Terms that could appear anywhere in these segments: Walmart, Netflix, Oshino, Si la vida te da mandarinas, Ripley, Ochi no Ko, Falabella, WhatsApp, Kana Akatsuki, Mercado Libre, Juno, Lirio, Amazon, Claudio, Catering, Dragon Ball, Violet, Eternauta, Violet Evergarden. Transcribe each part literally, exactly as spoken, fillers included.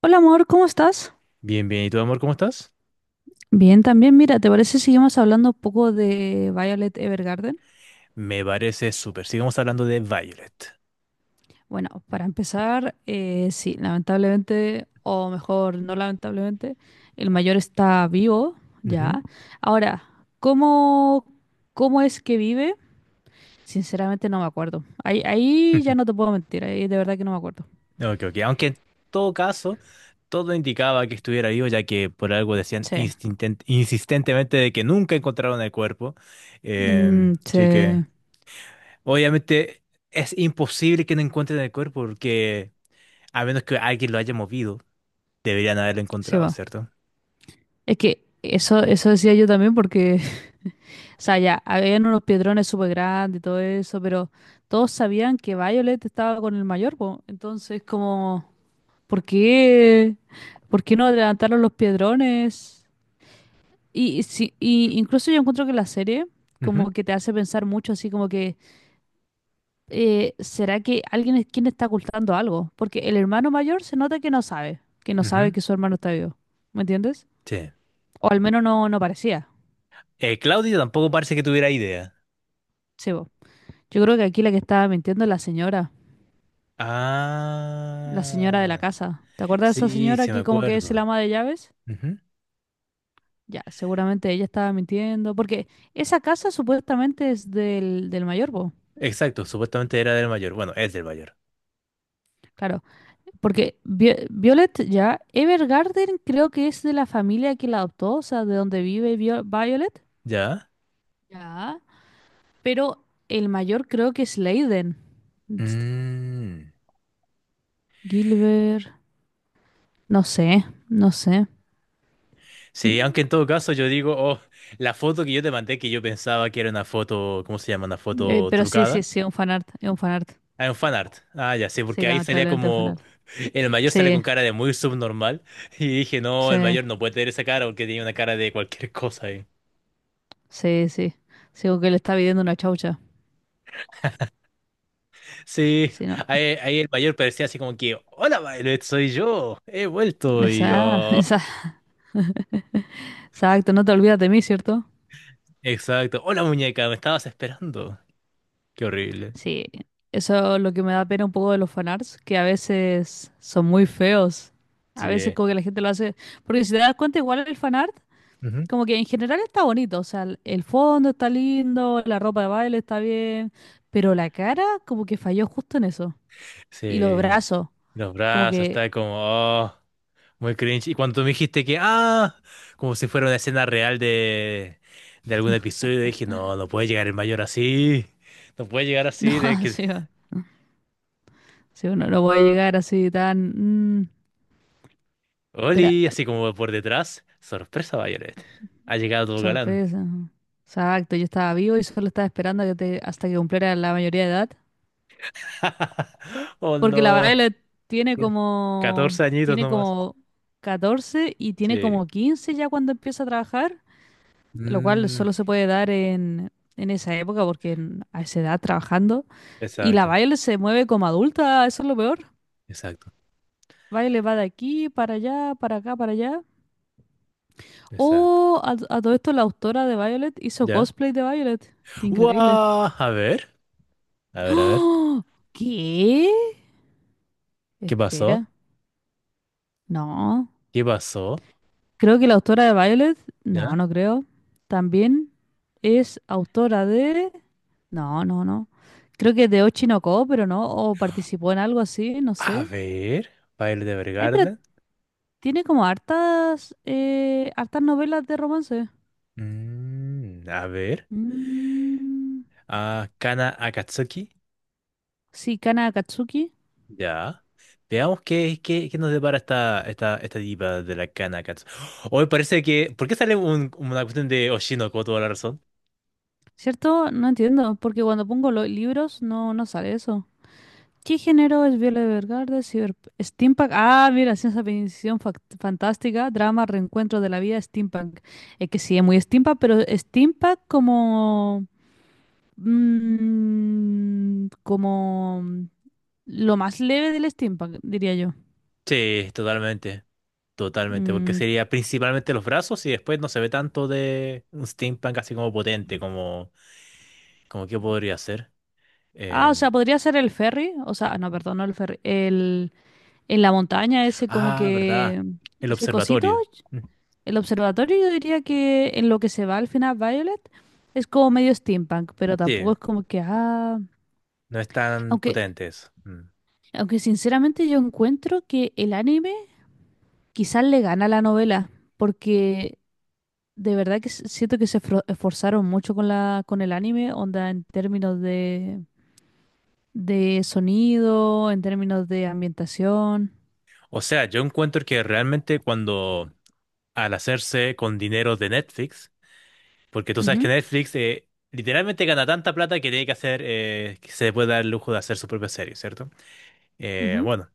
Hola amor, ¿cómo estás? Bien, bien. ¿Y tú, amor, cómo estás? Bien, también, mira, ¿te parece si seguimos hablando un poco de Violet Evergarden? Me parece súper. Sigamos hablando de Violet. Bueno, para empezar, eh, sí, lamentablemente, o mejor, no lamentablemente, el mayor está vivo, Ujú. ya. Ahora, ¿cómo, ¿cómo es que vive? Sinceramente no me acuerdo. Ahí, ahí ya no te puedo mentir, ahí de verdad que no me acuerdo. Ok, ok. Aunque en todo caso, todo indicaba que estuviera vivo, ya que por algo decían Sí. instinten- insistentemente de que nunca encontraron el cuerpo. Mm, Em, así que, se, obviamente, es imposible que no encuentren el cuerpo, porque a menos que alguien lo haya movido, deberían haberlo Se encontrado, va. ¿cierto? Es que eso, eso decía yo también porque o sea, ya, habían unos piedrones súper grandes y todo eso, pero todos sabían que Violet estaba con el mayor, po. Entonces, como, ¿por qué? ¿Por qué no adelantaron los piedrones? Y, y si, y incluso yo encuentro que la serie Ujú, como que te hace pensar mucho, así como que, eh, ¿será que alguien es quien está ocultando algo? Porque el hermano mayor se nota que no sabe, que no sabe ujú. que su hermano está vivo, ¿me entiendes? Sí. O al menos no, no parecía, Eh, Claudio tampoco parece que tuviera idea. sí, po. Yo creo que aquí la que estaba mintiendo es la señora. La señora de la Ah. casa. ¿Te acuerdas de esa Sí, señora sí me que como que es el acuerdo. ama de llaves? Ujú. Ya, seguramente ella estaba mintiendo, porque esa casa supuestamente es del, del mayor, po. Exacto, supuestamente era del mayor. Bueno, es del mayor. Claro, porque Vi- Violet ya, Evergarden creo que es de la familia que la adoptó, o sea, de donde vive Vio- Violet. ¿Ya? Ya. Pero el mayor creo que es Leiden. Ts- Mm. Gilbert, no sé, no sé. Sí, Mm, aunque en todo caso yo digo, oh, la foto que yo te mandé que yo pensaba que era una foto, ¿cómo se llama? Una eh, foto pero sí, sí, trucada. sí, es un fanart, es un fanart. Ah, un fanart. Ah, ya sí, Sí, porque ahí salía lamentablemente es un como, fanart. el mayor sale con Sí, cara de muy subnormal. Y dije, no, el sí. mayor no puede tener esa cara porque tenía una cara de cualquier cosa ahí. Sí, sí. Sigo que le está pidiendo una chaucha. Sí, Sí, no. ahí, ahí el mayor parecía así como que, hola, Violet, soy yo, he vuelto y Esa, yo. esa, Exacto, no te olvidas de mí, ¿cierto? Exacto. Hola muñeca, me estabas esperando. Qué horrible. Sí. Eso es lo que me da pena un poco de los fanarts, que a veces son muy feos. A veces Sí. como que la gente lo hace. Porque si te das cuenta, igual el fanart, Ujú. como que en general está bonito. O sea, el el fondo está lindo, la ropa de baile está bien. Pero la cara, como que falló justo en eso. Y los Sí. brazos, Los como brazos, que. está como, oh, muy cringe. Y cuando me dijiste que, ah, como si fuera una escena real de, de algún episodio, dije, no, no puede llegar el mayor así. No puede llegar así de No, que... sí, no, sí, uno no puede llegar así tan. Mm, pero Oli, así como por detrás. Sorpresa, Violet. Ha llegado tu galán. sorpresa. Exacto, yo estaba vivo y solo estaba esperando a que te, hasta que cumpliera la mayoría de edad. Oh, Porque la no. Violet tiene como, Catorce añitos tiene nomás. como catorce y tiene Sí. como quince ya cuando empieza a trabajar, lo cual Mm, solo se puede dar en, en esa época porque en- a esa edad trabajando. Y la exacto, Violet se mueve como adulta, eso es lo peor. exacto. Violet va de aquí para allá, para acá, para allá. Exacto. Oh, a, a todo esto la autora de Violet hizo ¿Ya? cosplay de Violet. Qué increíble. ¡Guau! A ver, a ver, a ver. ¡Ah! ¿Qué? ¿Qué pasó? Espera. No. ¿Qué pasó? Creo que la autora de Violet. ¿Ya? No, no creo. También es autora de. No, no, no. Creo que de Ochi no Ko, pero no. O participó en algo así, no A sé. ver. Baile de Ay, pero Evergarden. tiene como hartas. Eh, hartas novelas de romance. Mm, a ver. Mm, Ah, Kana Akatsuki. sí, Kana Akatsuki. Ya. Veamos qué, qué, qué nos depara esta, esta, esta diva de la Kana Akatsuki. Hoy parece que. ¿Por qué sale un- una cuestión de Oshino con toda la razón? ¿Cierto? No entiendo. Porque cuando pongo los libros no, no sale eso. ¿Qué género es Viola Evergarden? Cyber... Steampunk. Ah, mira, ciencia ficción fac- fantástica, drama, reencuentro de la vida, steampunk. Es que sí, es muy steampunk, pero steampunk como... mm, como... Lo más leve del steampunk, diría yo. Sí, totalmente. Totalmente. Porque Mm, sería principalmente los brazos y después no se ve tanto de un steampunk así como potente, como. ¿Cómo qué podría ser? Ah, o Em, sea, podría ser el ferry. O sea, no, perdón, no el ferry. El... En la montaña, ese como ah, ¿verdad? que... El Ese cosito. observatorio. Mm. El observatorio yo diría que en lo que se va al final Violet es como medio steampunk, pero Sí, tampoco es como que, ah, no es tan aunque, potente eso. Mm. aunque sinceramente yo encuentro que el anime quizás le gana a la novela, porque de verdad que s- siento que se fro- esforzaron mucho con la, con el anime, onda en términos de, de sonido, en términos de ambientación. O sea, yo encuentro que realmente cuando al hacerse con dinero de Netflix, porque tú sabes que Ujú, Netflix eh, literalmente gana tanta plata que tiene que hacer, eh, que se puede dar el lujo de hacer su propia serie, ¿cierto? Eh, ujú. bueno,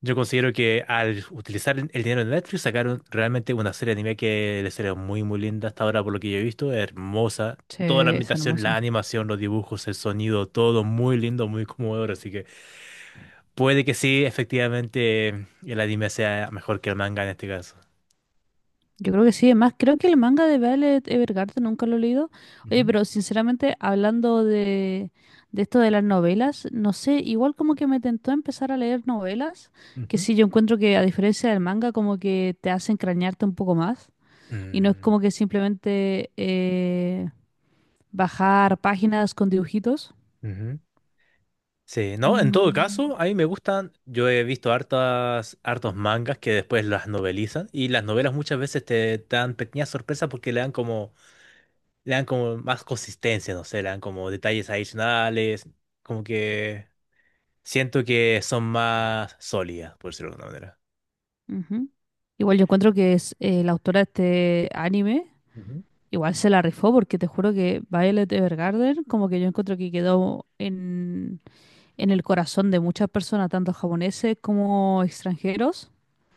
yo considero que al utilizar el el dinero de Netflix sacaron realmente una serie de anime que la serie muy muy linda hasta ahora por lo que yo he visto, hermosa, Sí, toda la es ambientación, la hermoso. animación, los dibujos, el sonido, todo muy lindo, muy conmovedor, así que puede que sí, efectivamente el anime sea mejor que el manga en este caso. Yo creo que sí, además creo que el manga de Violet Evergarden nunca lo he leído. Oye, Ujú, pero sinceramente, hablando de, de esto de las novelas, no sé, igual como que me tentó empezar a leer novelas, que ujú. sí, yo encuentro que a diferencia del manga, como que te hace crañarte un poco más. Y no es Mm, como que simplemente eh, bajar páginas con dibujitos. ujú. Sí, no, en todo Mm, caso, a mí me gustan, yo he visto hartas, hartos mangas que después las novelizan y las novelas muchas veces te dan pequeñas sorpresas porque le dan como le dan como más consistencia, no sé, le dan como detalles adicionales, como que siento que son más sólidas, por decirlo de alguna manera. Ujú. Igual yo encuentro que es eh, la autora de este anime. Ujú. Igual se la rifó porque te juro que Violet Evergarden, como que yo encuentro que quedó en, en el corazón de muchas personas, tanto japoneses como extranjeros.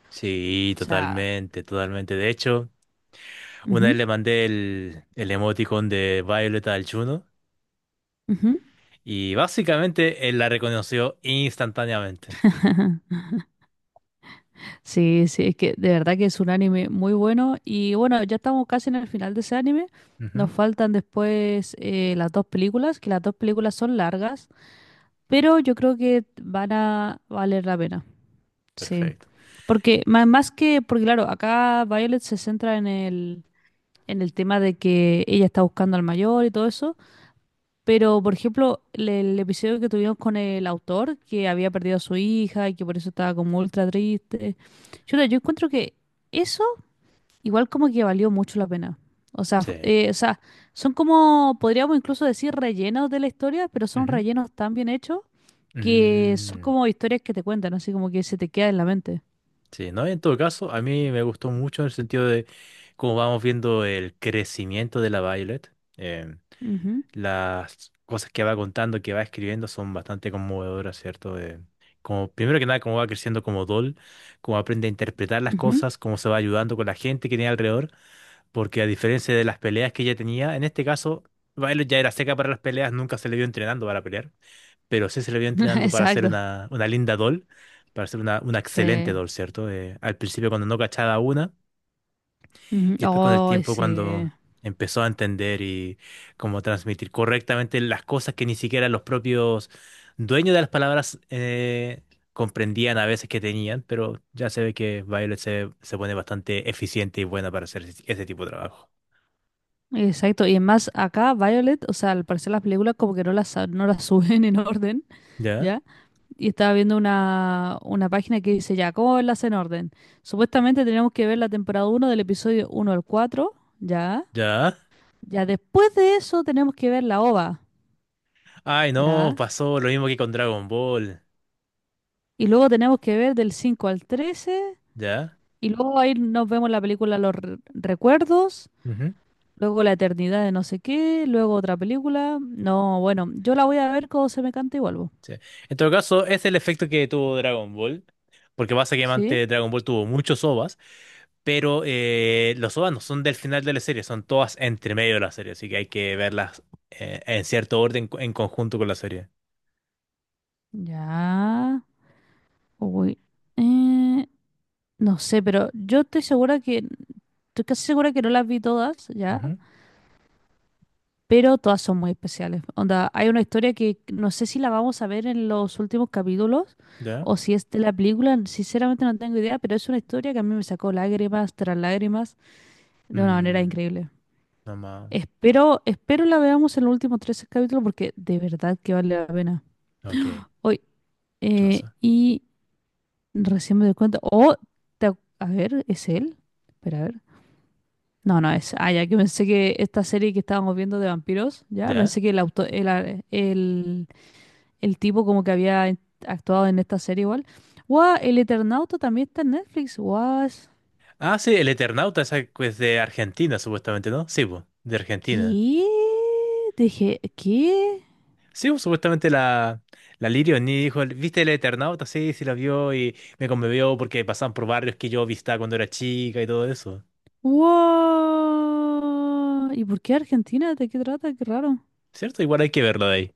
Sí, O sea, totalmente, totalmente. De hecho, una vez ujú, le mandé el, el emoticon de Violeta al Juno ujú, y básicamente él la reconoció instantáneamente. ajá. Sí, sí, es que de verdad que es un anime muy bueno. Y bueno, ya estamos casi en el final de ese anime. Nos Ujú. faltan después eh, las dos películas, que las dos películas son largas, pero yo creo que van a valer la pena. Sí. Perfecto. Porque ma- más que, porque claro, acá Violet se centra en el en el tema de que ella está buscando al mayor y todo eso. Pero, por ejemplo, le- el, episodio que tuvimos con el autor, que había perdido a su hija y que por eso estaba como ultra triste. Yo, yo encuentro que eso igual como que valió mucho la pena. O sea, fu- Sí. eh, o sea, son como, podríamos incluso decir, rellenos de la historia, pero son Ujú. rellenos tan bien hechos que son Mm. como historias que te cuentan, así como que se te queda en la mente. Sí, ¿no? En todo caso, a mí me gustó mucho en el sentido de cómo vamos viendo el crecimiento de la Violet. em, Ujú, las cosas que va contando, que va escribiendo son bastante conmovedoras, ¿cierto? Eh, como, primero que nada, cómo va creciendo como doll, cómo aprende a interpretar las ujú. cosas, cómo se va ayudando con la gente que tiene alrededor, porque a diferencia de las peleas que ella tenía, en este caso, Violet ya era seca para las peleas, nunca se le vio entrenando para pelear pero sí se le vio entrenando para hacer Exacto. una, una linda doll, para hacer una, una excelente Sí. doll, ¿cierto? Eh, al principio cuando no cachaba una, Ujú. y después con el Ay, tiempo sí. cuando empezó a entender y cómo transmitir correctamente las cosas que ni siquiera los propios dueños de las palabras eh, comprendían a veces que tenían, pero ya se ve que Violet se, se pone bastante eficiente y buena para hacer ese, ese tipo de trabajo. Exacto, y más acá Violet, o sea, al parecer las películas como que no las, sa- no las suben en orden, ¿Ya? ¿ya? Y estaba viendo una, una página que dice, ya, ¿cómo verlas en orden? Supuestamente tenemos que ver la temporada uno del episodio uno al cuatro, ¿ya? ¿Ya? Ya después de eso tenemos que ver la O V A, Ay, no, ¿ya? pasó lo mismo que con Dragon Ball. Y luego tenemos que ver del cinco al trece, ¿Ya? y luego ahí nos vemos la película Los Re- Recuerdos, luego La Eternidad de no sé qué, luego otra película. No, bueno, yo la voy a ver cuando se me cante y vuelvo, Sí. En todo caso, es el efecto que tuvo Dragon Ball, porque ¿sí? básicamente Dragon Ball tuvo muchos O V As, pero eh, los O V As no son del final de la serie, son todas entre medio de la serie, así que hay que verlas eh, en cierto orden co- en conjunto con la serie. Ya. Uy. Eh, no sé, pero yo estoy segura que, estoy casi segura que no las vi todas, ¿ya? Ujú. Pero todas son muy especiales. Onda, hay una historia que no sé si la vamos a ver en los últimos capítulos ¿Ya? o si es de la película, sinceramente no tengo idea, pero es una historia que a mí me sacó lágrimas tras lágrimas de una manera Mm, increíble. no más. Espero, espero la veamos en los últimos trece capítulos porque de verdad que vale la pena. Ok, Hoy, ¿qué eh, pasa? y recién me doy cuenta. Oh, te a ver, ¿es él? Espera, a ver. No, no es. Ah, ya que pensé que esta serie que estábamos viendo de vampiros, ya ¿Ya? pensé que el auto, el, a- el, el tipo como que había en- actuado en esta serie igual. Guau, el Eternauta también está en Netflix. Guau. Ah, sí, el Eternauta esa que es de Argentina, supuestamente, ¿no? Sí, pues, de Argentina. ¿Qué? Dije, ¿qué? Sí, pues, supuestamente la, la Lirio ni dijo, ¿viste el Eternauta? Sí, sí la vio y me conmovió porque pasaban por barrios que yo visitaba cuando era chica y todo eso. Guau. ¿Y por qué Argentina? ¿De qué trata? Qué raro. ¿Cierto? Igual hay que verlo de ahí.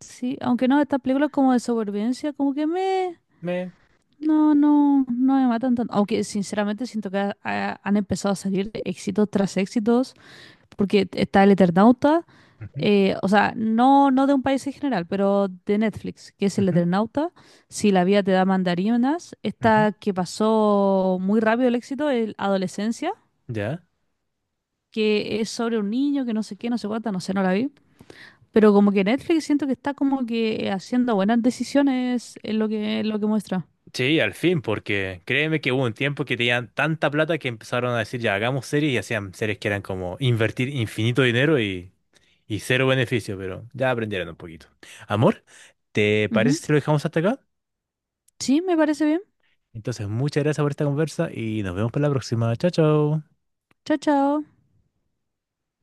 Sí, aunque no, esta película es como de supervivencia, como que me. Me... No, no, no me matan tanto. Aunque sinceramente siento que ha- ha- han empezado a salir éxitos tras éxitos, porque está el Eternauta, Ujú, eh, o sea, no, no de un país en general, pero de Netflix, que es el ujú, Eternauta, Si la vida te da mandarinas, ujú. esta que pasó muy rápido el éxito, el Adolescencia, ¿Ya? que es sobre un niño que no sé qué, no sé cuánta, no sé, no la vi. Pero como que Netflix siento que está como que haciendo buenas decisiones en lo que, en lo que muestra. Sí, al fin, porque créeme que hubo un tiempo que tenían tanta plata que empezaron a decir, ya, hagamos series y hacían series que eran como invertir infinito dinero y, y cero beneficio, pero ya aprendieron un poquito. Amor, ¿te parece Ujú. si lo dejamos hasta acá? Sí, me parece bien. Entonces, muchas gracias por esta conversa y nos vemos para la próxima. Chao, chao. Chao, chao.